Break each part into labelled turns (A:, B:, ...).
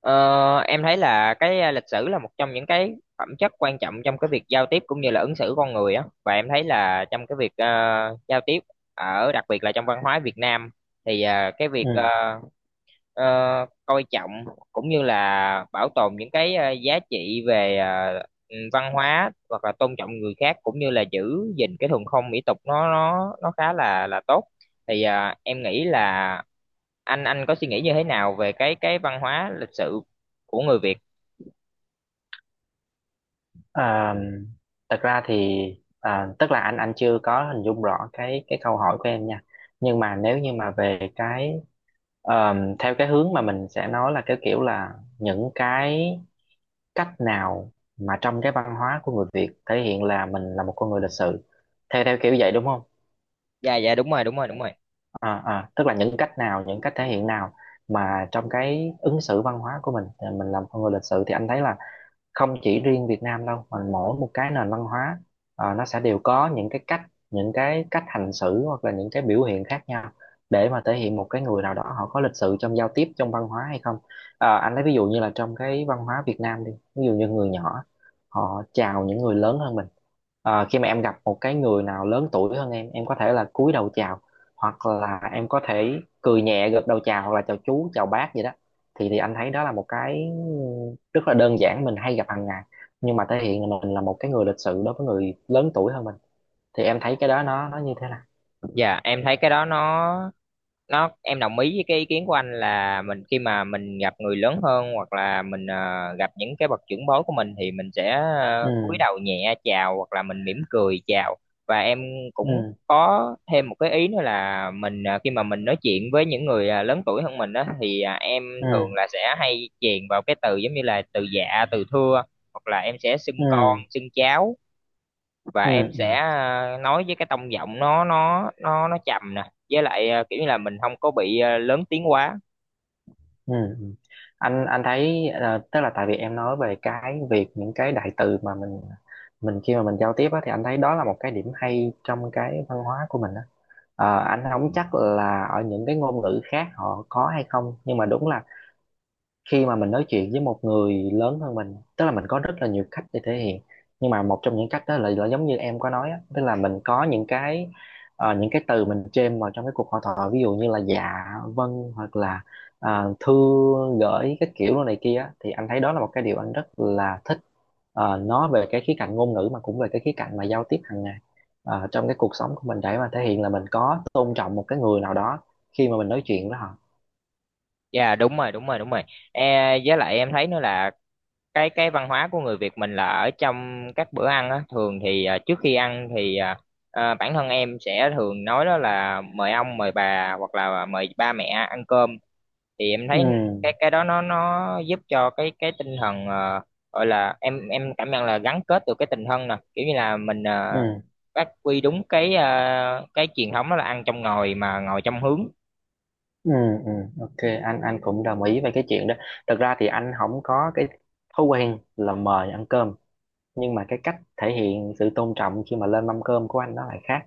A: Ờ, em thấy là lịch sử là một trong những cái phẩm chất quan trọng trong cái việc giao tiếp cũng như là ứng xử con người á, và em thấy là trong cái việc giao tiếp, ở đặc biệt là trong văn hóa Việt Nam thì cái việc
B: Ừ.
A: ờ, coi trọng cũng như là bảo tồn những cái giá trị về văn hóa hoặc là tôn trọng người khác cũng như là giữ gìn cái thuần phong mỹ tục, nó khá là tốt. Thì em nghĩ là anh có suy nghĩ như thế nào về cái văn hóa lịch sự của người Việt?
B: À, Thật ra thì tức là anh chưa có hình dung rõ cái câu hỏi của em nha, nhưng mà nếu như mà về cái theo cái hướng mà mình sẽ nói là cái kiểu là những cái cách nào mà trong cái văn hóa của người Việt thể hiện là mình là một con người lịch sự, theo theo kiểu vậy đúng không?
A: Dạ dạ đúng rồi đúng rồi.
B: Tức là những cách nào, những cách thể hiện nào mà trong cái ứng xử văn hóa của mình thì mình làm con người lịch sự, thì anh thấy là không chỉ riêng Việt Nam đâu, mà mỗi một cái nền văn hóa nó sẽ đều có những cái cách, những cái cách hành xử hoặc là những cái biểu hiện khác nhau để mà thể hiện một cái người nào đó họ có lịch sự trong giao tiếp, trong văn hóa hay không. Ờ, anh lấy ví dụ như là trong cái văn hóa Việt Nam đi, ví dụ như người nhỏ họ chào những người lớn hơn mình. Ờ, khi mà em gặp một cái người nào lớn tuổi hơn em có thể là cúi đầu chào hoặc là em có thể cười nhẹ gật đầu chào, hoặc là chào chú chào bác gì đó, thì anh thấy đó là một cái rất là đơn giản mình hay gặp hàng ngày nhưng mà thể hiện là mình là một cái người lịch sự đối với người lớn tuổi hơn mình. Thì em thấy cái đó nó như thế nào?
A: Dạ em thấy cái đó nó, em đồng ý với cái ý kiến của anh là mình khi mà mình gặp người lớn hơn hoặc là mình gặp những cái bậc trưởng bối của mình thì mình sẽ
B: Ừ.
A: cúi đầu nhẹ chào hoặc là mình mỉm cười chào. Và em cũng
B: Ừ.
A: có thêm một cái ý nữa là mình khi mà mình nói chuyện với những người lớn tuổi hơn mình đó thì em
B: Ừ.
A: thường là sẽ hay chèn vào cái từ giống như là từ dạ, từ thưa, hoặc là em sẽ xưng
B: Ừ.
A: con, xưng cháu. Và
B: Ừ.
A: em sẽ
B: Ừ.
A: nói với cái tông giọng nó trầm nè, với lại kiểu như là mình không có bị lớn tiếng quá.
B: Ừ. Ừ. anh thấy ờ, tức là tại vì em nói về cái việc những cái đại từ mà mình khi mà mình giao tiếp á, thì anh thấy đó là một cái điểm hay trong cái văn hóa của mình á. Ờ, anh không chắc là ở những cái ngôn ngữ khác họ có hay không, nhưng mà đúng là khi mà mình nói chuyện với một người lớn hơn mình, tức là mình có rất là nhiều cách để thể hiện, nhưng mà một trong những cách đó là giống như em có nói á, tức là mình có những cái ờ, những cái từ mình chêm vào trong cái cuộc hội thoại, ví dụ như là dạ, vâng, hoặc là thư gửi cái kiểu đồ này kia á, thì anh thấy đó là một cái điều anh rất là thích. Ờ, nó về cái khía cạnh ngôn ngữ mà cũng về cái khía cạnh mà giao tiếp hàng ngày ờ, trong cái cuộc sống của mình, để mà thể hiện là mình có tôn trọng một cái người nào đó khi mà mình nói chuyện với họ.
A: Dạ đúng rồi đúng rồi. Với lại em thấy nữa là cái văn hóa của người Việt mình là ở trong các bữa ăn á, thường thì à, trước khi ăn thì bản thân em sẽ thường nói đó là mời ông, mời bà, hoặc là mời ba mẹ ăn cơm. Thì em
B: Ừ.
A: thấy cái đó nó giúp cho cái tinh thần, gọi là em cảm nhận là gắn kết được cái tình thân nè, kiểu như là mình
B: Ừ.
A: phát huy đúng cái truyền thống đó là ăn trong ngồi mà ngồi trong hướng.
B: Ừ, ừ, ok. Anh cũng đồng ý về cái chuyện đó. Thật ra thì anh không có cái thói quen là mời ăn cơm, nhưng mà cái cách thể hiện sự tôn trọng khi mà lên mâm cơm của anh nó lại khác.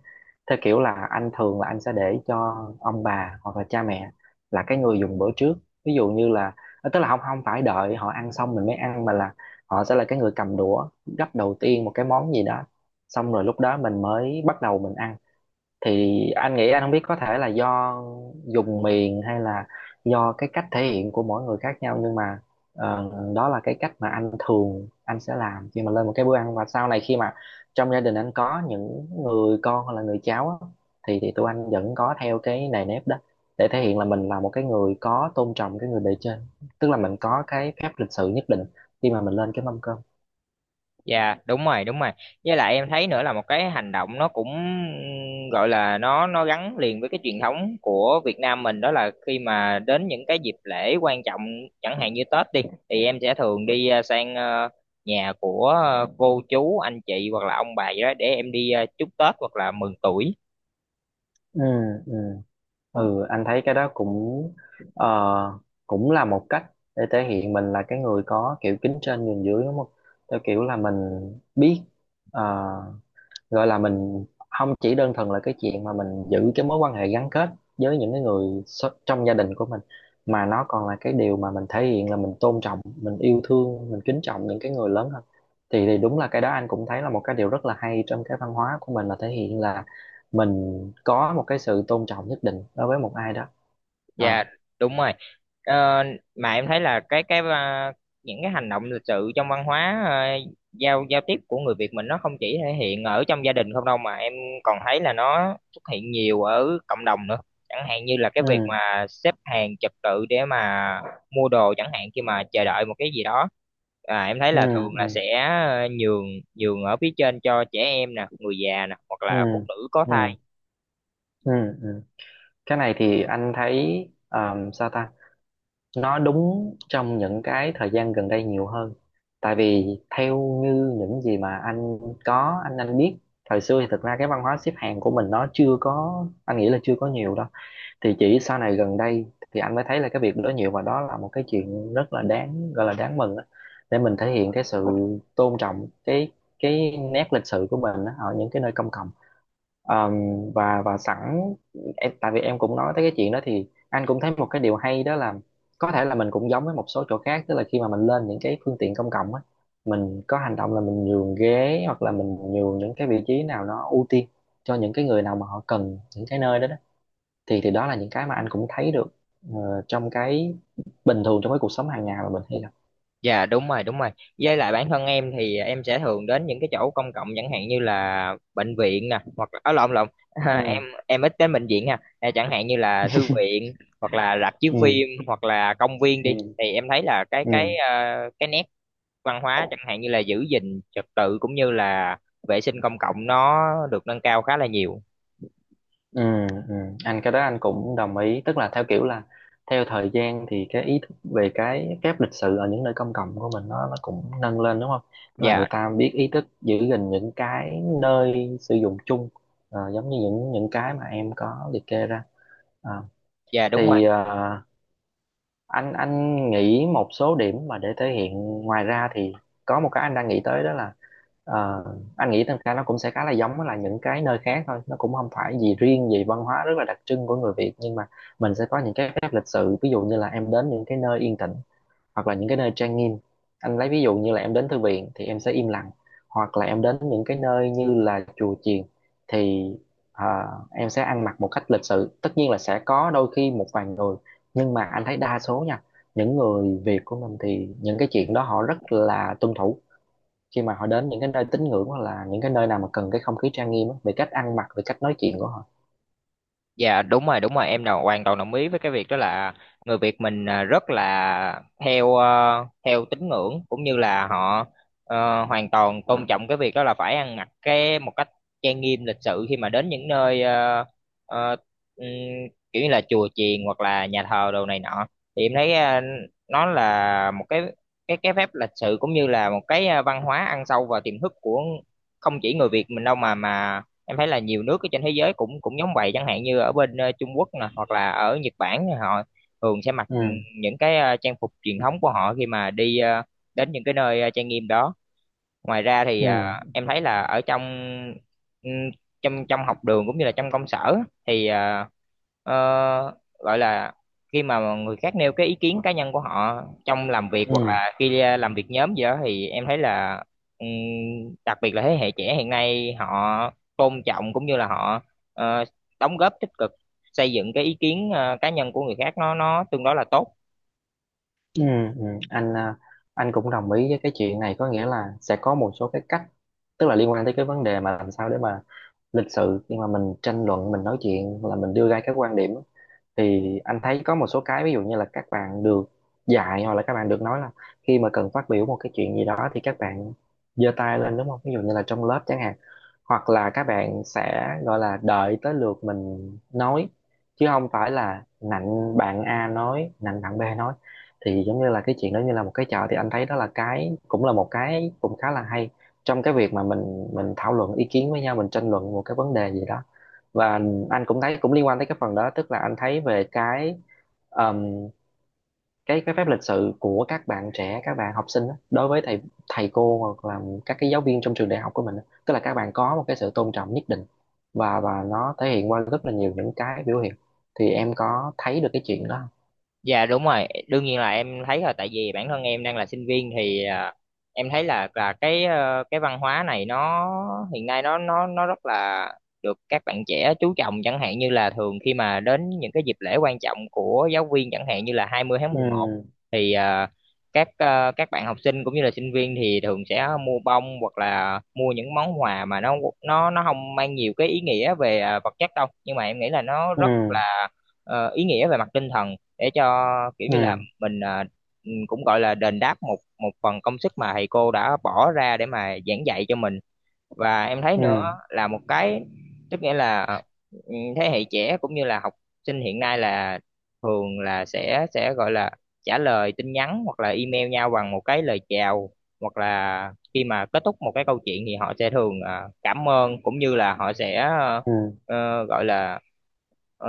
B: Theo kiểu là anh thường là anh sẽ để cho ông bà hoặc là cha mẹ là cái người dùng bữa trước. Ví dụ như là ờ, tức là không không phải đợi họ ăn xong mình mới ăn, mà là họ sẽ là cái người cầm đũa gắp đầu tiên một cái món gì đó, xong rồi lúc đó mình mới bắt đầu mình ăn. Thì anh nghĩ, anh không biết có thể là do dùng miền hay là do cái cách thể hiện của mỗi người khác nhau, nhưng mà ờ, đó là cái cách mà anh thường anh sẽ làm khi mà lên một cái bữa ăn. Và sau này khi mà trong gia đình anh có những người con hoặc là người cháu á, thì tụi anh vẫn có theo cái nề nếp đó, để thể hiện là mình là một cái người có tôn trọng cái người bề trên, tức là mình có cái phép lịch sự nhất định khi mà mình lên cái mâm cơm.
A: Dạ đúng rồi, đúng rồi. Với lại em thấy nữa là một cái hành động nó cũng gọi là nó gắn liền với cái truyền thống của Việt Nam mình, đó là khi mà đến những cái dịp lễ quan trọng chẳng hạn như Tết đi, thì em sẽ thường đi sang nhà của cô chú anh chị hoặc là ông bà gì đó, để em đi chúc Tết hoặc là mừng tuổi.
B: Ừ, ừ. Ừ, anh thấy cái đó cũng ờ, cũng là một cách để thể hiện mình là cái người có kiểu kính trên nhường dưới đúng không? Theo kiểu là mình biết, ờ, gọi là mình không chỉ đơn thuần là cái chuyện mà mình giữ cái mối quan hệ gắn kết với những cái người trong gia đình của mình, mà nó còn là cái điều mà mình thể hiện là mình tôn trọng, mình yêu thương, mình kính trọng những cái người lớn hơn. Thì đúng là cái đó anh cũng thấy là một cái điều rất là hay trong cái văn hóa của mình, là thể hiện là mình có một cái sự tôn trọng nhất định đối với một ai đó. Ờ.
A: Dạ đúng rồi. Ờ, mà em thấy là những cái hành động lịch sự trong văn hóa à, giao giao tiếp của người Việt mình nó không chỉ thể hiện ở trong gia đình không đâu, mà em còn thấy là nó xuất hiện nhiều ở cộng đồng nữa. Chẳng hạn như là cái việc
B: Ừ.
A: mà xếp hàng trật tự để mà mua đồ chẳng hạn, khi mà chờ đợi một cái gì đó. À, em thấy
B: Ừ.
A: là thường là
B: Ừ.
A: sẽ ờ, nhường nhường ở phía trên cho trẻ em nè, người già nè, hoặc
B: Ừ.
A: là phụ nữ có
B: Ừ.
A: thai.
B: Ừ. Ừ. Cái này thì anh thấy ờ, sao ta, nó đúng trong những cái thời gian gần đây nhiều hơn. Tại vì theo như những gì mà anh có, anh biết thời xưa thì thực ra cái văn hóa xếp hàng của mình nó chưa có, anh nghĩ là chưa có nhiều đâu. Thì chỉ sau này gần đây thì anh mới thấy là cái việc đó nhiều, và đó là một cái chuyện rất là đáng, gọi là đáng mừng á, để mình thể hiện cái sự tôn trọng cái nét lịch sử của mình á, ở những cái nơi công cộng. Ờm, và sẵn em, tại vì em cũng nói tới cái chuyện đó, thì anh cũng thấy một cái điều hay đó là có thể là mình cũng giống với một số chỗ khác, tức là khi mà mình lên những cái phương tiện công cộng á, mình có hành động là mình nhường ghế hoặc là mình nhường những cái vị trí nào nó ưu tiên cho những cái người nào mà họ cần những cái nơi đó đó. Thì đó là những cái mà anh cũng thấy được ờ, trong cái bình thường, trong cái cuộc sống hàng ngày mà mình hay gặp.
A: Dạ đúng rồi, đúng rồi. Với lại bản thân em thì em sẽ thường đến những cái chỗ công cộng chẳng hạn như là bệnh viện nè, hoặc là ở lộn lộn
B: Ừ.
A: em ít đến bệnh viện ha. À, chẳng hạn như là thư viện hoặc là rạp chiếu
B: Ừ.
A: phim hoặc là công viên đi,
B: Ừ.
A: thì em thấy là
B: Ừ.
A: cái nét văn hóa chẳng hạn như là giữ gìn trật tự cũng như là vệ sinh công cộng nó được nâng cao khá là nhiều.
B: Ừ, ừ. Anh, cái đó anh cũng đồng ý, tức là theo kiểu là theo thời gian thì cái ý thức về cái phép lịch sự ở những nơi công cộng của mình nó cũng nâng lên đúng không? Tức là người
A: Dạ,
B: ta biết ý thức giữ gìn những cái nơi sử dụng chung ờ, giống như những cái mà em có liệt kê ra. Ờ,
A: dạ đúng rồi.
B: thì ờ, anh nghĩ một số điểm mà để thể hiện ngoài ra thì có một cái anh đang nghĩ tới đó là ờ, anh nghĩ thật ra nó cũng sẽ khá là giống với là những cái nơi khác thôi, nó cũng không phải gì riêng gì văn hóa rất là đặc trưng của người Việt, nhưng mà mình sẽ có những cái phép lịch sự, ví dụ như là em đến những cái nơi yên tĩnh hoặc là những cái nơi trang nghiêm. Anh lấy ví dụ như là em đến thư viện thì em sẽ im lặng, hoặc là em đến những cái nơi như là chùa chiền thì em sẽ ăn mặc một cách lịch sự. Tất nhiên là sẽ có đôi khi một vài người, nhưng mà anh thấy đa số nha, những người Việt của mình thì những cái chuyện đó họ rất là tuân thủ khi mà họ đến những cái nơi tín ngưỡng hoặc là những cái nơi nào mà cần cái không khí trang nghiêm á, về cách ăn mặc, về cách nói chuyện của họ.
A: Dạ đúng rồi, đúng rồi, em nào hoàn toàn đồng ý với cái việc đó là người Việt mình rất là theo theo tín ngưỡng cũng như là họ hoàn toàn tôn trọng cái việc đó là phải ăn mặc cái một cách trang nghiêm lịch sự khi mà đến những nơi ờ, ừm, kiểu như là chùa chiền hoặc là nhà thờ đồ này nọ. Thì em thấy nó là một cái phép lịch sự cũng như là một cái văn hóa ăn sâu vào tiềm thức của không chỉ người Việt mình đâu, mà em thấy là nhiều nước ở trên thế giới cũng cũng giống vậy, chẳng hạn như ở bên Trung Quốc nè hoặc là ở Nhật Bản, thì họ thường sẽ mặc
B: Ừ.
A: những cái trang phục truyền thống của họ khi mà đi đến những cái nơi trang nghiêm đó. Ngoài ra thì
B: Ừ.
A: em thấy là ở trong ừm, trong trong học đường cũng như là trong công sở, thì ờ, gọi là khi mà người khác nêu cái ý kiến cá nhân của họ trong làm việc hoặc
B: Ừ.
A: là khi làm việc nhóm gì đó, thì em thấy là ừm, đặc biệt là thế hệ trẻ hiện nay họ tôn trọng cũng như là họ ờ, đóng góp tích cực xây dựng cái ý kiến cá nhân của người khác nó tương đối là tốt.
B: Ừ, ừ. Anh à, anh cũng đồng ý với cái chuyện này, có nghĩa là sẽ có một số cái cách, tức là liên quan tới cái vấn đề mà làm sao để mà lịch sự nhưng mà mình tranh luận, mình nói chuyện là mình đưa ra các quan điểm. Thì anh thấy có một số cái ví dụ như là các bạn được dạy hoặc là các bạn được nói là khi mà cần phát biểu một cái chuyện gì đó thì các bạn giơ tay lên, đúng không, ví dụ như là trong lớp chẳng hạn, hoặc là các bạn sẽ gọi là đợi tới lượt mình nói chứ không phải là nạnh bạn A nói, nạnh bạn B nói. Thì giống như là cái chuyện đó như là một cái trò, thì anh thấy đó là cái cũng là một cái cũng khá là hay trong cái việc mà mình thảo luận ý kiến với nhau, mình tranh luận một cái vấn đề gì đó. Và anh cũng thấy cũng liên quan tới cái phần đó, tức là anh thấy về ờm, cái phép lịch sự của các bạn trẻ, các bạn học sinh á, đối với thầy thầy cô hoặc là các cái giáo viên trong trường đại học của mình á. Tức là các bạn có một cái sự tôn trọng nhất định, và nó thể hiện qua rất là nhiều những cái biểu hiện. Thì em có thấy được cái chuyện đó không?
A: Dạ đúng rồi, đương nhiên là em thấy, là tại vì bản thân em đang là sinh viên, thì em thấy là cái cái văn hóa này nó hiện nay nó rất là được các bạn trẻ chú trọng, chẳng hạn như là thường khi mà đến những cái dịp lễ quan trọng của giáo viên chẳng hạn như là 20 tháng 11,
B: Ừ,
A: thì các các bạn học sinh cũng như là sinh viên thì thường sẽ mua bông hoặc là mua những món quà mà nó không mang nhiều cái ý nghĩa về vật chất đâu, nhưng mà em nghĩ là nó rất
B: ừ,
A: là ý nghĩa về mặt tinh thần, để cho kiểu như là
B: ừ,
A: mình cũng gọi là đền đáp một một phần công sức mà thầy cô đã bỏ ra để mà giảng dạy cho mình. Và em thấy
B: ừ,
A: nữa là một cái tức nghĩa là thế hệ trẻ cũng như là học sinh hiện nay là thường là sẽ gọi là trả lời tin nhắn hoặc là email nhau bằng một cái lời chào, hoặc là khi mà kết thúc một cái câu chuyện thì họ sẽ thường cảm ơn cũng như là họ sẽ
B: ừ,
A: gọi là ờ,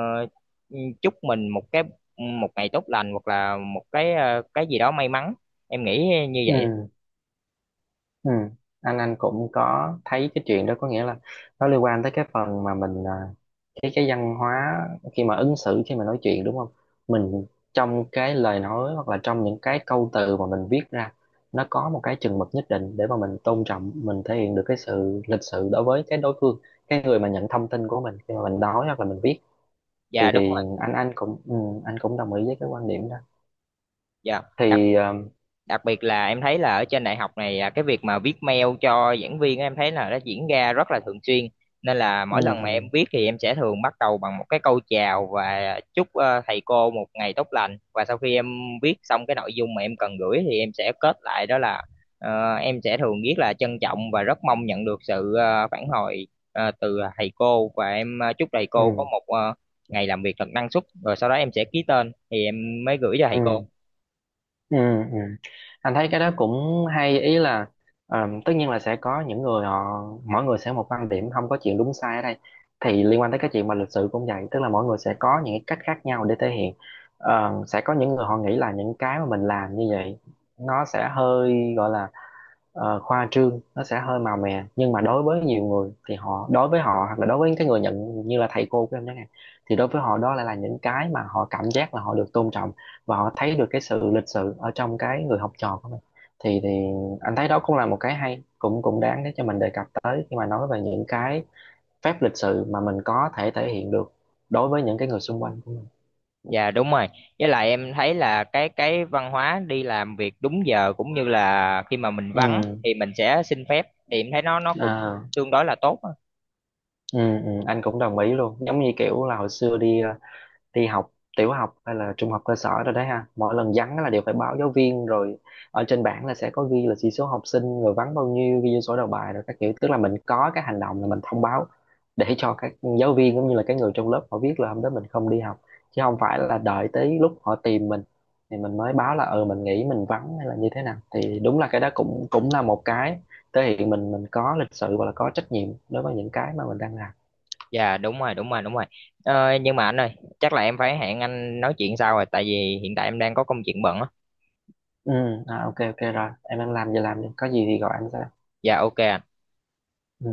A: chúc mình một ngày tốt lành hoặc là một cái gì đó may mắn, em nghĩ như
B: ừ.
A: vậy.
B: Ừ. Anh cũng có thấy cái chuyện đó, có nghĩa là nó liên quan tới cái phần mà cái văn hóa khi mà ứng xử, khi mà nói chuyện, đúng không? Mình trong cái lời nói hoặc là trong những cái câu từ mà mình viết ra, nó có một cái chừng mực nhất định để mà mình tôn trọng, mình thể hiện được cái sự lịch sự đối với cái đối phương, cái người mà nhận thông tin của mình khi mà mình nói hoặc là mình viết. thì
A: Dạ đúng
B: thì
A: rồi.
B: anh cũng ừ, anh cũng đồng ý với cái quan điểm đó.
A: Dạ,
B: thì ờ,
A: đặc biệt là em thấy là ở trên đại học này, cái việc mà viết mail cho giảng viên á, em thấy là nó diễn ra rất là thường xuyên. Nên là mỗi
B: ừ,
A: lần mà em viết thì em sẽ thường bắt đầu bằng một cái câu chào và chúc thầy cô một ngày tốt lành, và sau khi em viết xong cái nội dung mà em cần gửi thì em sẽ kết lại, đó là em sẽ thường viết là trân trọng và rất mong nhận được sự phản hồi từ thầy cô, và em chúc thầy
B: ừ,
A: cô có một ngày làm việc thật năng suất, rồi sau đó em sẽ ký tên thì em mới gửi cho
B: ừ.
A: thầy cô.
B: Ừ, ừ. Anh thấy cái đó cũng hay, ý là ờ, tất nhiên là sẽ có những người họ, mỗi người sẽ một quan điểm, không có chuyện đúng sai ở đây. Thì liên quan tới cái chuyện mà lịch sự cũng vậy, tức là mỗi người sẽ có những cái cách khác nhau để thể hiện. Ờ, sẽ có những người họ nghĩ là những cái mà mình làm như vậy nó sẽ hơi gọi là ờ, khoa trương, nó sẽ hơi màu mè, nhưng mà đối với nhiều người thì họ, đối với họ hoặc là đối với cái người nhận như là thầy cô của em chẳng hạn, thì đối với họ đó lại là những cái mà họ cảm giác là họ được tôn trọng, và họ thấy được cái sự lịch sự ở trong cái người học trò của mình. Thì anh thấy đó cũng là một cái hay, cũng cũng đáng để cho mình đề cập tới khi mà nói về những cái phép lịch sự mà mình có thể thể hiện được đối với những cái người xung quanh của mình.
A: Dạ đúng rồi. Với lại em thấy là cái văn hóa đi làm việc đúng giờ cũng như là khi mà mình vắng
B: Ừ,
A: thì mình sẽ xin phép, thì em thấy nó cũng
B: à,
A: tương đối là tốt á.
B: ừ, ừ, anh cũng đồng ý luôn. Giống như kiểu là hồi xưa đi đi học tiểu học hay là trung học cơ sở rồi đấy ha, mỗi lần vắng là đều phải báo giáo viên rồi. Ở trên bảng là sẽ có ghi là chỉ số học sinh rồi vắng bao nhiêu, ghi vô sổ đầu bài rồi các kiểu, tức là mình có cái hành động là mình thông báo để cho các giáo viên cũng như là cái người trong lớp họ biết là hôm đó mình không đi học, chứ không phải là đợi tới lúc họ tìm mình thì mình mới báo là ừ mình nghĩ mình vắng hay là như thế nào. Thì đúng là cái đó cũng cũng là một cái thể hiện mình có lịch sự và là có trách nhiệm đối với những cái mà mình đang làm.
A: Dạ đúng rồi, đúng rồi, đúng rồi. Ờ, nhưng mà anh ơi, chắc là em phải hẹn anh nói chuyện sau rồi, tại vì hiện tại em đang có công chuyện bận á.
B: Ừ, à, ok, ok rồi, em đang làm giờ làm đi, có gì thì gọi anh sẽ
A: Dạ ok. Anh
B: Ừ.